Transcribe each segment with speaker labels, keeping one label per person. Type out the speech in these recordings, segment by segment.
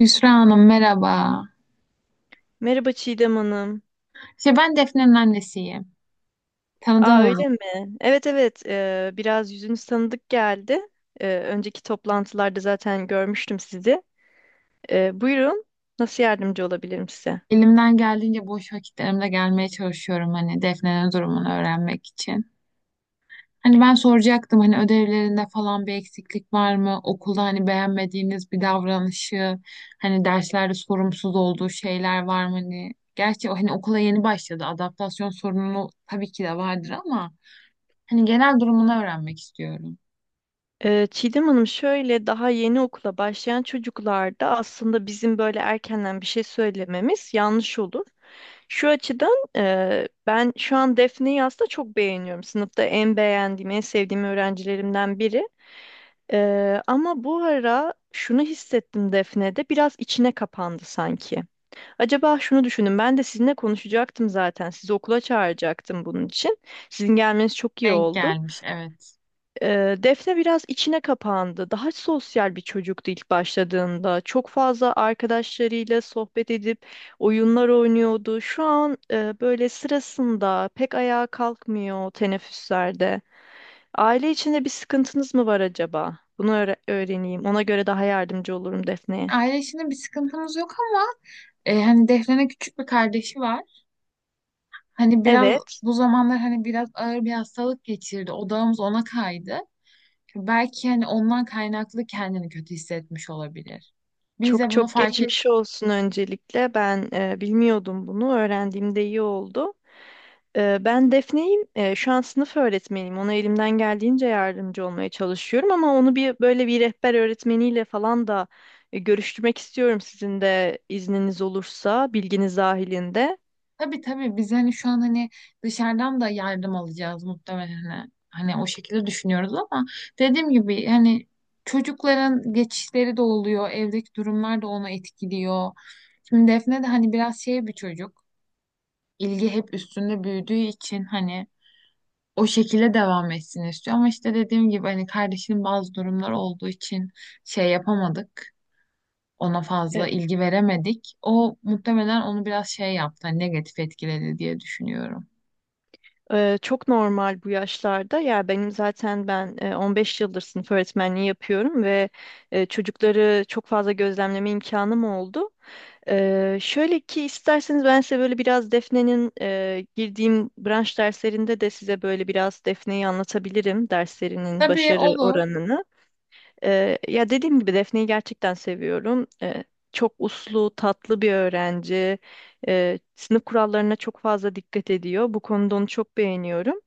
Speaker 1: Yusra Hanım merhaba.
Speaker 2: Merhaba Çiğdem Hanım.
Speaker 1: İşte ben Defne'nin annesiyim. Tanıdan
Speaker 2: Aa
Speaker 1: hanım.
Speaker 2: öyle mi? Evet evet biraz yüzünüz tanıdık geldi. Önceki toplantılarda zaten görmüştüm sizi. Buyurun nasıl yardımcı olabilirim size?
Speaker 1: Elimden geldiğince boş vakitlerimde gelmeye çalışıyorum hani Defne'nin durumunu öğrenmek için. Hani ben soracaktım, hani ödevlerinde falan bir eksiklik var mı? Okulda hani beğenmediğiniz bir davranışı, hani derslerde sorumsuz olduğu şeyler var mı? Hani gerçi o, hani okula yeni başladı. Adaptasyon sorunu tabii ki de vardır ama hani genel durumunu öğrenmek istiyorum.
Speaker 2: Çiğdem Hanım şöyle daha yeni okula başlayan çocuklarda aslında bizim böyle erkenden bir şey söylememiz yanlış olur. Şu açıdan ben şu an Defne'yi aslında çok beğeniyorum. Sınıfta en beğendiğim, en sevdiğim öğrencilerimden biri. Ama bu ara şunu hissettim, Defne'de biraz içine kapandı sanki. Acaba şunu düşündüm. Ben de sizinle konuşacaktım zaten. Sizi okula çağıracaktım bunun için. Sizin gelmeniz çok iyi
Speaker 1: Denk
Speaker 2: oldu.
Speaker 1: gelmiş, evet.
Speaker 2: Defne biraz içine kapandı. Daha sosyal bir çocuktu ilk başladığında. Çok fazla arkadaşlarıyla sohbet edip oyunlar oynuyordu. Şu an böyle sırasında pek ayağa kalkmıyor teneffüslerde. Aile içinde bir sıkıntınız mı var acaba? Bunu öğreneyim. Ona göre daha yardımcı olurum Defne'ye.
Speaker 1: Aile içinde bir sıkıntımız yok ama hani Defne'nin küçük bir kardeşi var. Hani biraz
Speaker 2: Evet.
Speaker 1: bu zamanlar hani biraz ağır bir hastalık geçirdi. Odağımız ona kaydı. Belki hani ondan kaynaklı kendini kötü hissetmiş olabilir. Biz de
Speaker 2: Çok
Speaker 1: bunu
Speaker 2: çok
Speaker 1: fark ettik.
Speaker 2: geçmiş olsun öncelikle. Ben bilmiyordum bunu. Öğrendiğimde iyi oldu. Ben Defne'yim. Şu an sınıf öğretmeniyim. Ona elimden geldiğince yardımcı olmaya çalışıyorum ama onu bir böyle bir rehber öğretmeniyle falan da görüştürmek istiyorum, sizin de izniniz olursa, bilginiz dahilinde.
Speaker 1: Tabii tabii, biz hani şu an hani dışarıdan da yardım alacağız muhtemelen. Hani o şekilde düşünüyoruz ama dediğim gibi hani çocukların geçişleri de oluyor. Evdeki durumlar da onu etkiliyor. Şimdi Defne de hani biraz şey bir çocuk. İlgi hep üstünde büyüdüğü için hani o şekilde devam etsin istiyor. Ama işte dediğim gibi hani kardeşinin bazı durumları olduğu için şey yapamadık. Ona
Speaker 2: E,
Speaker 1: fazla ilgi veremedik. O muhtemelen onu biraz şey yaptı, hani negatif etkiledi diye düşünüyorum.
Speaker 2: Çok normal bu yaşlarda. Ya benim zaten ben 15 yıldır sınıf öğretmenliği yapıyorum ve çocukları çok fazla gözlemleme imkanım oldu. Şöyle ki, isterseniz ben size böyle biraz Defne'nin girdiğim branş derslerinde de size böyle biraz Defne'yi anlatabilirim, derslerinin
Speaker 1: Tabii,
Speaker 2: başarı
Speaker 1: olur.
Speaker 2: oranını. Ya dediğim gibi Defne'yi gerçekten seviyorum. Çok uslu, tatlı bir öğrenci. Sınıf kurallarına çok fazla dikkat ediyor. Bu konuda onu çok beğeniyorum.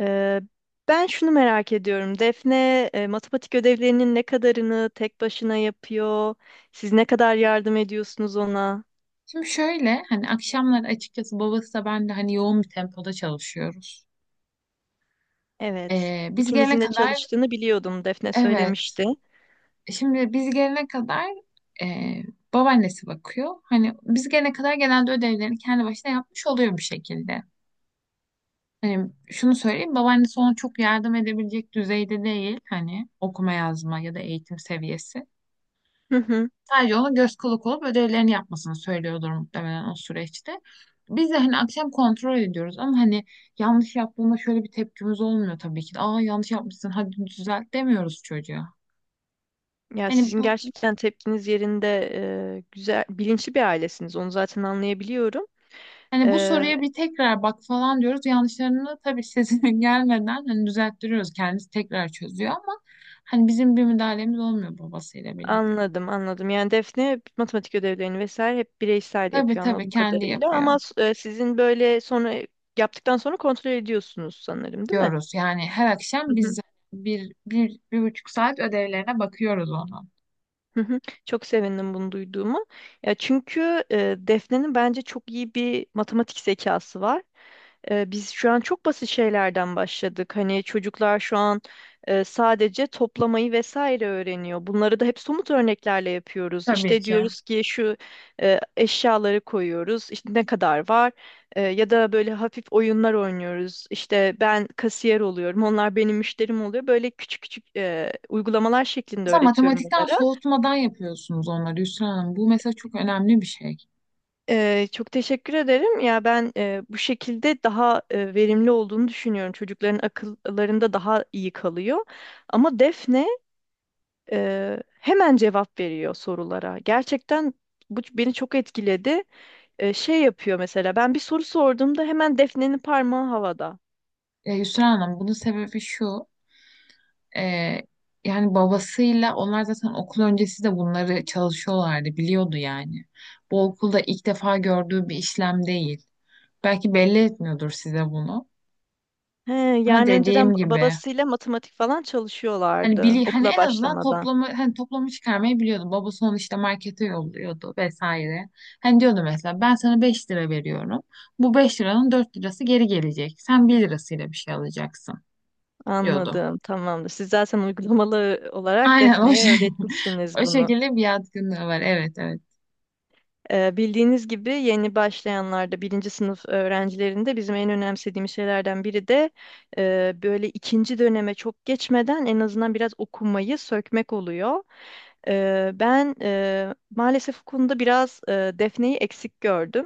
Speaker 2: Ee, Ben şunu merak ediyorum. Defne matematik ödevlerinin ne kadarını tek başına yapıyor? Siz ne kadar yardım ediyorsunuz ona?
Speaker 1: Şimdi şöyle, hani akşamları açıkçası babası da ben de hani yoğun bir tempoda çalışıyoruz.
Speaker 2: Evet.
Speaker 1: Biz gelene
Speaker 2: İkinizin de
Speaker 1: kadar
Speaker 2: çalıştığını biliyordum. Defne
Speaker 1: evet.
Speaker 2: söylemişti.
Speaker 1: Şimdi biz gelene kadar e, babaannesi bakıyor. Hani biz gelene kadar genelde ödevlerini kendi başına yapmış oluyor bir şekilde. Hani şunu söyleyeyim, babaannesi ona çok yardım edebilecek düzeyde değil, hani okuma yazma ya da eğitim seviyesi.
Speaker 2: Hı hı.
Speaker 1: Sadece ona göz kulak olup ödevlerini yapmasını söylüyordur muhtemelen o süreçte. Biz de hani akşam kontrol ediyoruz ama hani yanlış yaptığında şöyle bir tepkimiz olmuyor tabii ki de. Aa, yanlış yapmışsın, hadi düzelt demiyoruz çocuğa.
Speaker 2: Ya
Speaker 1: Hani
Speaker 2: sizin
Speaker 1: bu,
Speaker 2: gerçekten tepkiniz yerinde, güzel, bilinçli bir ailesiniz. Onu zaten anlayabiliyorum.
Speaker 1: hani bu
Speaker 2: Ee,
Speaker 1: soruya bir tekrar bak falan diyoruz. Yanlışlarını tabii sesinin gelmeden hani düzelttiriyoruz. Kendisi tekrar çözüyor ama hani bizim bir müdahalemiz olmuyor babasıyla birlikte.
Speaker 2: Anladım, anladım. Yani Defne matematik ödevlerini vesaire hep bireysel
Speaker 1: Tabii
Speaker 2: yapıyor
Speaker 1: tabii,
Speaker 2: anladığım
Speaker 1: kendi
Speaker 2: kadarıyla.
Speaker 1: yapıyor
Speaker 2: Ama sizin böyle sonra yaptıktan sonra kontrol ediyorsunuz sanırım, değil mi?
Speaker 1: diyoruz. Yani her akşam
Speaker 2: Hı hı,
Speaker 1: biz 1,5 saat ödevlerine bakıyoruz onu.
Speaker 2: hı hı. Çok sevindim bunu duyduğuma. Ya çünkü Defne'nin bence çok iyi bir matematik zekası var. Biz şu an çok basit şeylerden başladık. Hani çocuklar şu an sadece toplamayı vesaire öğreniyor. Bunları da hep somut örneklerle yapıyoruz.
Speaker 1: Tabii
Speaker 2: İşte
Speaker 1: ki.
Speaker 2: diyoruz ki şu eşyaları koyuyoruz. İşte ne kadar var? Ya da böyle hafif oyunlar oynuyoruz. İşte ben kasiyer oluyorum. Onlar benim müşterim oluyor. Böyle küçük küçük uygulamalar şeklinde
Speaker 1: Mesela
Speaker 2: öğretiyorum
Speaker 1: matematikten
Speaker 2: onlara.
Speaker 1: soğutmadan yapıyorsunuz onları Yusra Hanım. Bu mesela çok önemli bir şey.
Speaker 2: Çok teşekkür ederim. Ya ben bu şekilde daha verimli olduğunu düşünüyorum. Çocukların akıllarında daha iyi kalıyor. Ama Defne hemen cevap veriyor sorulara. Gerçekten bu beni çok etkiledi. Şey yapıyor, mesela ben bir soru sorduğumda hemen Defne'nin parmağı havada.
Speaker 1: Yusra Hanım, bunun sebebi şu. e, Yani babasıyla onlar zaten okul öncesi de bunları çalışıyorlardı. Biliyordu yani. Bu okulda ilk defa gördüğü bir işlem değil. Belki belli etmiyordur size bunu.
Speaker 2: He,
Speaker 1: Ama
Speaker 2: yani önceden
Speaker 1: dediğim gibi,
Speaker 2: babasıyla matematik falan
Speaker 1: hani
Speaker 2: çalışıyorlardı
Speaker 1: bili hani
Speaker 2: okula
Speaker 1: en azından
Speaker 2: başlamadan.
Speaker 1: toplamı çıkarmayı biliyordum. Babası onu işte markete yolluyordu vesaire. Hani diyordu mesela, ben sana 5 lira veriyorum. Bu 5 liranın 4 lirası geri gelecek. Sen 1 lirasıyla bir şey alacaksın diyordu.
Speaker 2: Anladım, tamamdır. Siz zaten uygulamalı olarak
Speaker 1: Aynen o
Speaker 2: Defne'ye
Speaker 1: şey.
Speaker 2: öğretmişsiniz
Speaker 1: O
Speaker 2: bunu.
Speaker 1: şekilde bir yatkınlığı var. Evet evet.
Speaker 2: Bildiğiniz gibi yeni başlayanlarda, birinci sınıf öğrencilerinde bizim en önemsediğimiz şeylerden biri de böyle ikinci döneme çok geçmeden en azından biraz okumayı sökmek oluyor. Ben maalesef bu konuda biraz Defne'yi eksik gördüm.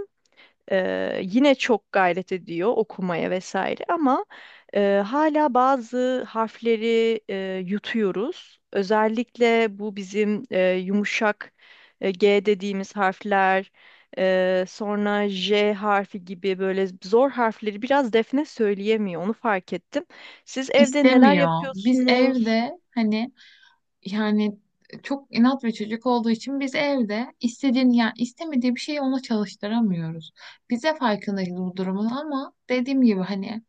Speaker 2: Yine çok gayret ediyor okumaya vesaire ama hala bazı harfleri yutuyoruz. Özellikle bu bizim yumuşak G dediğimiz harfler, sonra J harfi gibi böyle zor harfleri biraz Defne söyleyemiyor. Onu fark ettim. Siz evde neler
Speaker 1: İstemiyor. Biz
Speaker 2: yapıyorsunuz?
Speaker 1: evde hani, yani çok inat ve çocuk olduğu için biz evde istediğini, yani istemediği bir şeyi ona çalıştıramıyoruz. Bize farkındayız bu durumun ama dediğim gibi hani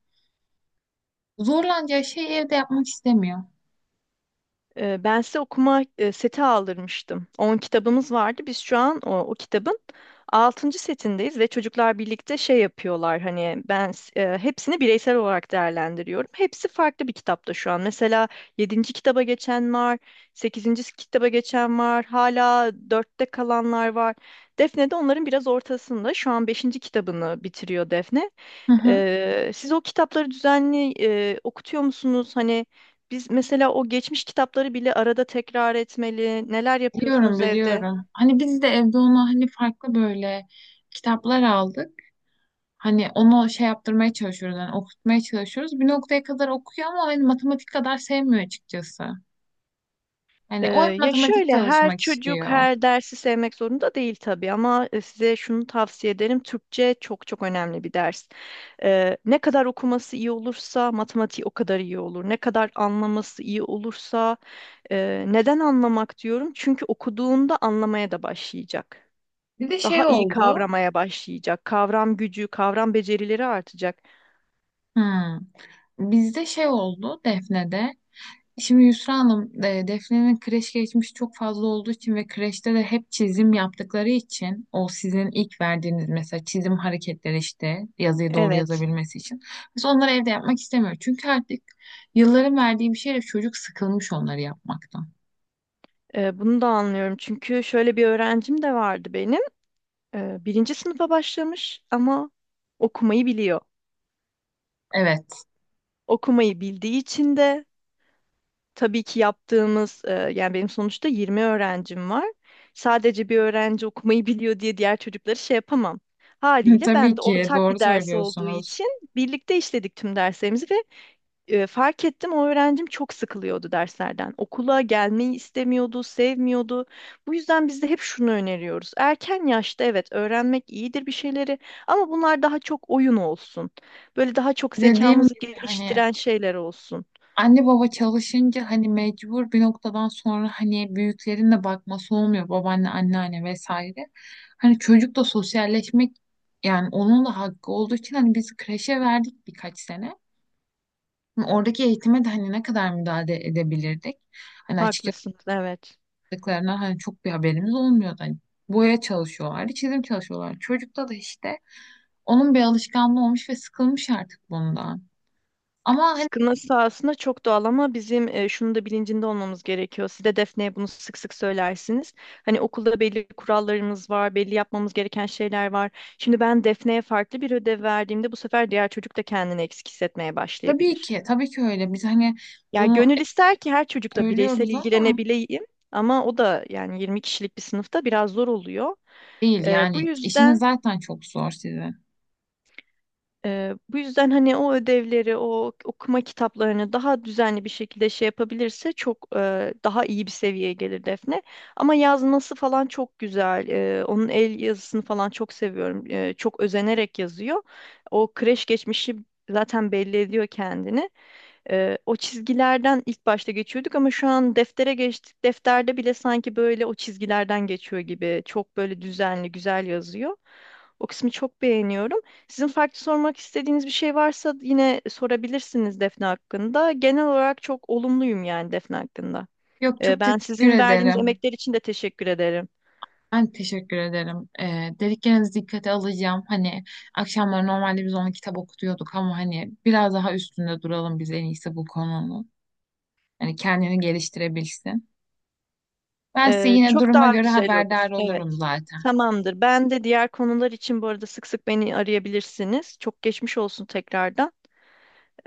Speaker 1: zorlanacağı şeyi evde yapmak istemiyor.
Speaker 2: Ben size okuma seti aldırmıştım. 10 kitabımız vardı. Biz şu an o kitabın altıncı setindeyiz ve çocuklar birlikte şey yapıyorlar. Hani ben hepsini bireysel olarak değerlendiriyorum. Hepsi farklı bir kitapta şu an. Mesela yedinci kitaba geçen var, sekizinci kitaba geçen var, hala dörtte kalanlar var. Defne de onların biraz ortasında. Şu an beşinci kitabını bitiriyor Defne.
Speaker 1: Hı hı.
Speaker 2: Siz o kitapları düzenli okutuyor musunuz? Hani biz mesela o geçmiş kitapları bile arada tekrar etmeli. Neler
Speaker 1: Biliyorum
Speaker 2: yapıyorsunuz evde?
Speaker 1: biliyorum. Hani biz de evde ona hani farklı böyle kitaplar aldık. Hani onu şey yaptırmaya çalışıyoruz. Hani okutmaya çalışıyoruz. Bir noktaya kadar okuyor ama hani matematik kadar sevmiyor açıkçası.
Speaker 2: Ee,
Speaker 1: Hani o hep
Speaker 2: Ya
Speaker 1: matematik
Speaker 2: şöyle, her
Speaker 1: çalışmak
Speaker 2: çocuk
Speaker 1: istiyor.
Speaker 2: her dersi sevmek zorunda değil tabii ama size şunu tavsiye ederim. Türkçe çok çok önemli bir ders. Ne kadar okuması iyi olursa matematiği o kadar iyi olur. Ne kadar anlaması iyi olursa neden anlamak diyorum? Çünkü okuduğunda anlamaya da başlayacak.
Speaker 1: Bir de şey
Speaker 2: Daha iyi
Speaker 1: oldu.
Speaker 2: kavramaya başlayacak. Kavram gücü, kavram becerileri artacak.
Speaker 1: Hmm. Bizde şey oldu Defne'de. Şimdi Yusra Hanım, Defne'nin kreş geçmişi çok fazla olduğu için ve kreşte de hep çizim yaptıkları için o sizin ilk verdiğiniz mesela çizim hareketleri, işte yazıyı doğru
Speaker 2: Evet,
Speaker 1: yazabilmesi için. Biz onları evde yapmak istemiyoruz. Çünkü artık yılların verdiği bir şeyle çocuk sıkılmış onları yapmaktan.
Speaker 2: bunu da anlıyorum. Çünkü şöyle bir öğrencim de vardı benim. Birinci sınıfa başlamış ama okumayı biliyor.
Speaker 1: Evet,
Speaker 2: Okumayı bildiği için de tabii ki yaptığımız, yani benim sonuçta 20 öğrencim var. Sadece bir öğrenci okumayı biliyor diye diğer çocukları şey yapamam. Haliyle ben
Speaker 1: tabii
Speaker 2: de
Speaker 1: ki
Speaker 2: ortak
Speaker 1: doğru
Speaker 2: bir ders olduğu
Speaker 1: söylüyorsunuz.
Speaker 2: için birlikte işledik tüm derslerimizi ve fark ettim o öğrencim çok sıkılıyordu derslerden. Okula gelmeyi istemiyordu, sevmiyordu. Bu yüzden biz de hep şunu öneriyoruz. Erken yaşta evet öğrenmek iyidir bir şeyleri ama bunlar daha çok oyun olsun. Böyle daha çok
Speaker 1: Dediğim
Speaker 2: zekamızı
Speaker 1: gibi hani
Speaker 2: geliştiren şeyler olsun.
Speaker 1: anne baba çalışınca hani mecbur bir noktadan sonra hani büyüklerin de bakması olmuyor, babaanne anneanne vesaire. Hani çocuk da sosyalleşmek, yani onun da hakkı olduğu için hani biz kreşe verdik birkaç sene. Hani oradaki eğitime de hani ne kadar müdahale edebilirdik. Hani açıkçası
Speaker 2: Haklısınız, evet.
Speaker 1: yaptıklarına hani çok bir haberimiz olmuyordu. Hani boya çalışıyorlardı, çizim çalışıyorlardı. Çocukta da işte onun bir alışkanlığı olmuş ve sıkılmış artık bundan. Ama hani,
Speaker 2: Sıkılması sahasında çok doğal ama bizim şunu da bilincinde olmamız gerekiyor. Siz de Defne'ye bunu sık sık söylersiniz. Hani okulda belli kurallarımız var, belli yapmamız gereken şeyler var. Şimdi ben Defne'ye farklı bir ödev verdiğimde bu sefer diğer çocuk da kendini eksik hissetmeye
Speaker 1: tabii
Speaker 2: başlayabilir.
Speaker 1: ki tabii ki öyle. Biz hani
Speaker 2: Ya
Speaker 1: bunu
Speaker 2: gönül ister ki her çocukla bireysel
Speaker 1: söylüyoruz ama
Speaker 2: ilgilenebileyim ama o da yani 20 kişilik bir sınıfta biraz zor oluyor.
Speaker 1: değil,
Speaker 2: E, bu
Speaker 1: yani işiniz
Speaker 2: yüzden
Speaker 1: zaten çok zor sizin.
Speaker 2: Bu yüzden hani o ödevleri, o okuma kitaplarını daha düzenli bir şekilde şey yapabilirse çok daha iyi bir seviyeye gelir Defne. Ama yazması falan çok güzel. Onun el yazısını falan çok seviyorum. Çok özenerek yazıyor. O kreş geçmişi zaten belli ediyor kendini. O çizgilerden ilk başta geçiyorduk ama şu an deftere geçtik. Defterde bile sanki böyle o çizgilerden geçiyor gibi. Çok böyle düzenli, güzel yazıyor. O kısmı çok beğeniyorum. Sizin farklı sormak istediğiniz bir şey varsa yine sorabilirsiniz Defne hakkında. Genel olarak çok olumluyum yani Defne hakkında.
Speaker 1: Yok, çok
Speaker 2: Ben
Speaker 1: teşekkür
Speaker 2: sizin verdiğiniz
Speaker 1: ederim.
Speaker 2: emekler için de teşekkür ederim.
Speaker 1: Ben teşekkür ederim. Dediklerinizi dikkate alacağım. Hani akşamları normalde biz onu kitap okutuyorduk ama hani biraz daha üstünde duralım biz, en iyisi bu konunun. Hani kendini geliştirebilsin. Ben size yine
Speaker 2: Çok
Speaker 1: duruma
Speaker 2: daha
Speaker 1: göre
Speaker 2: güzel olur.
Speaker 1: haberdar olurum
Speaker 2: Evet.
Speaker 1: zaten.
Speaker 2: Tamamdır. Ben de diğer konular için bu arada sık sık beni arayabilirsiniz. Çok geçmiş olsun tekrardan.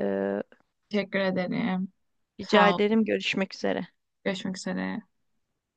Speaker 2: Ee,
Speaker 1: Teşekkür ederim.
Speaker 2: Rica
Speaker 1: Sağ ol.
Speaker 2: ederim. Görüşmek üzere.
Speaker 1: Görüşmek üzere.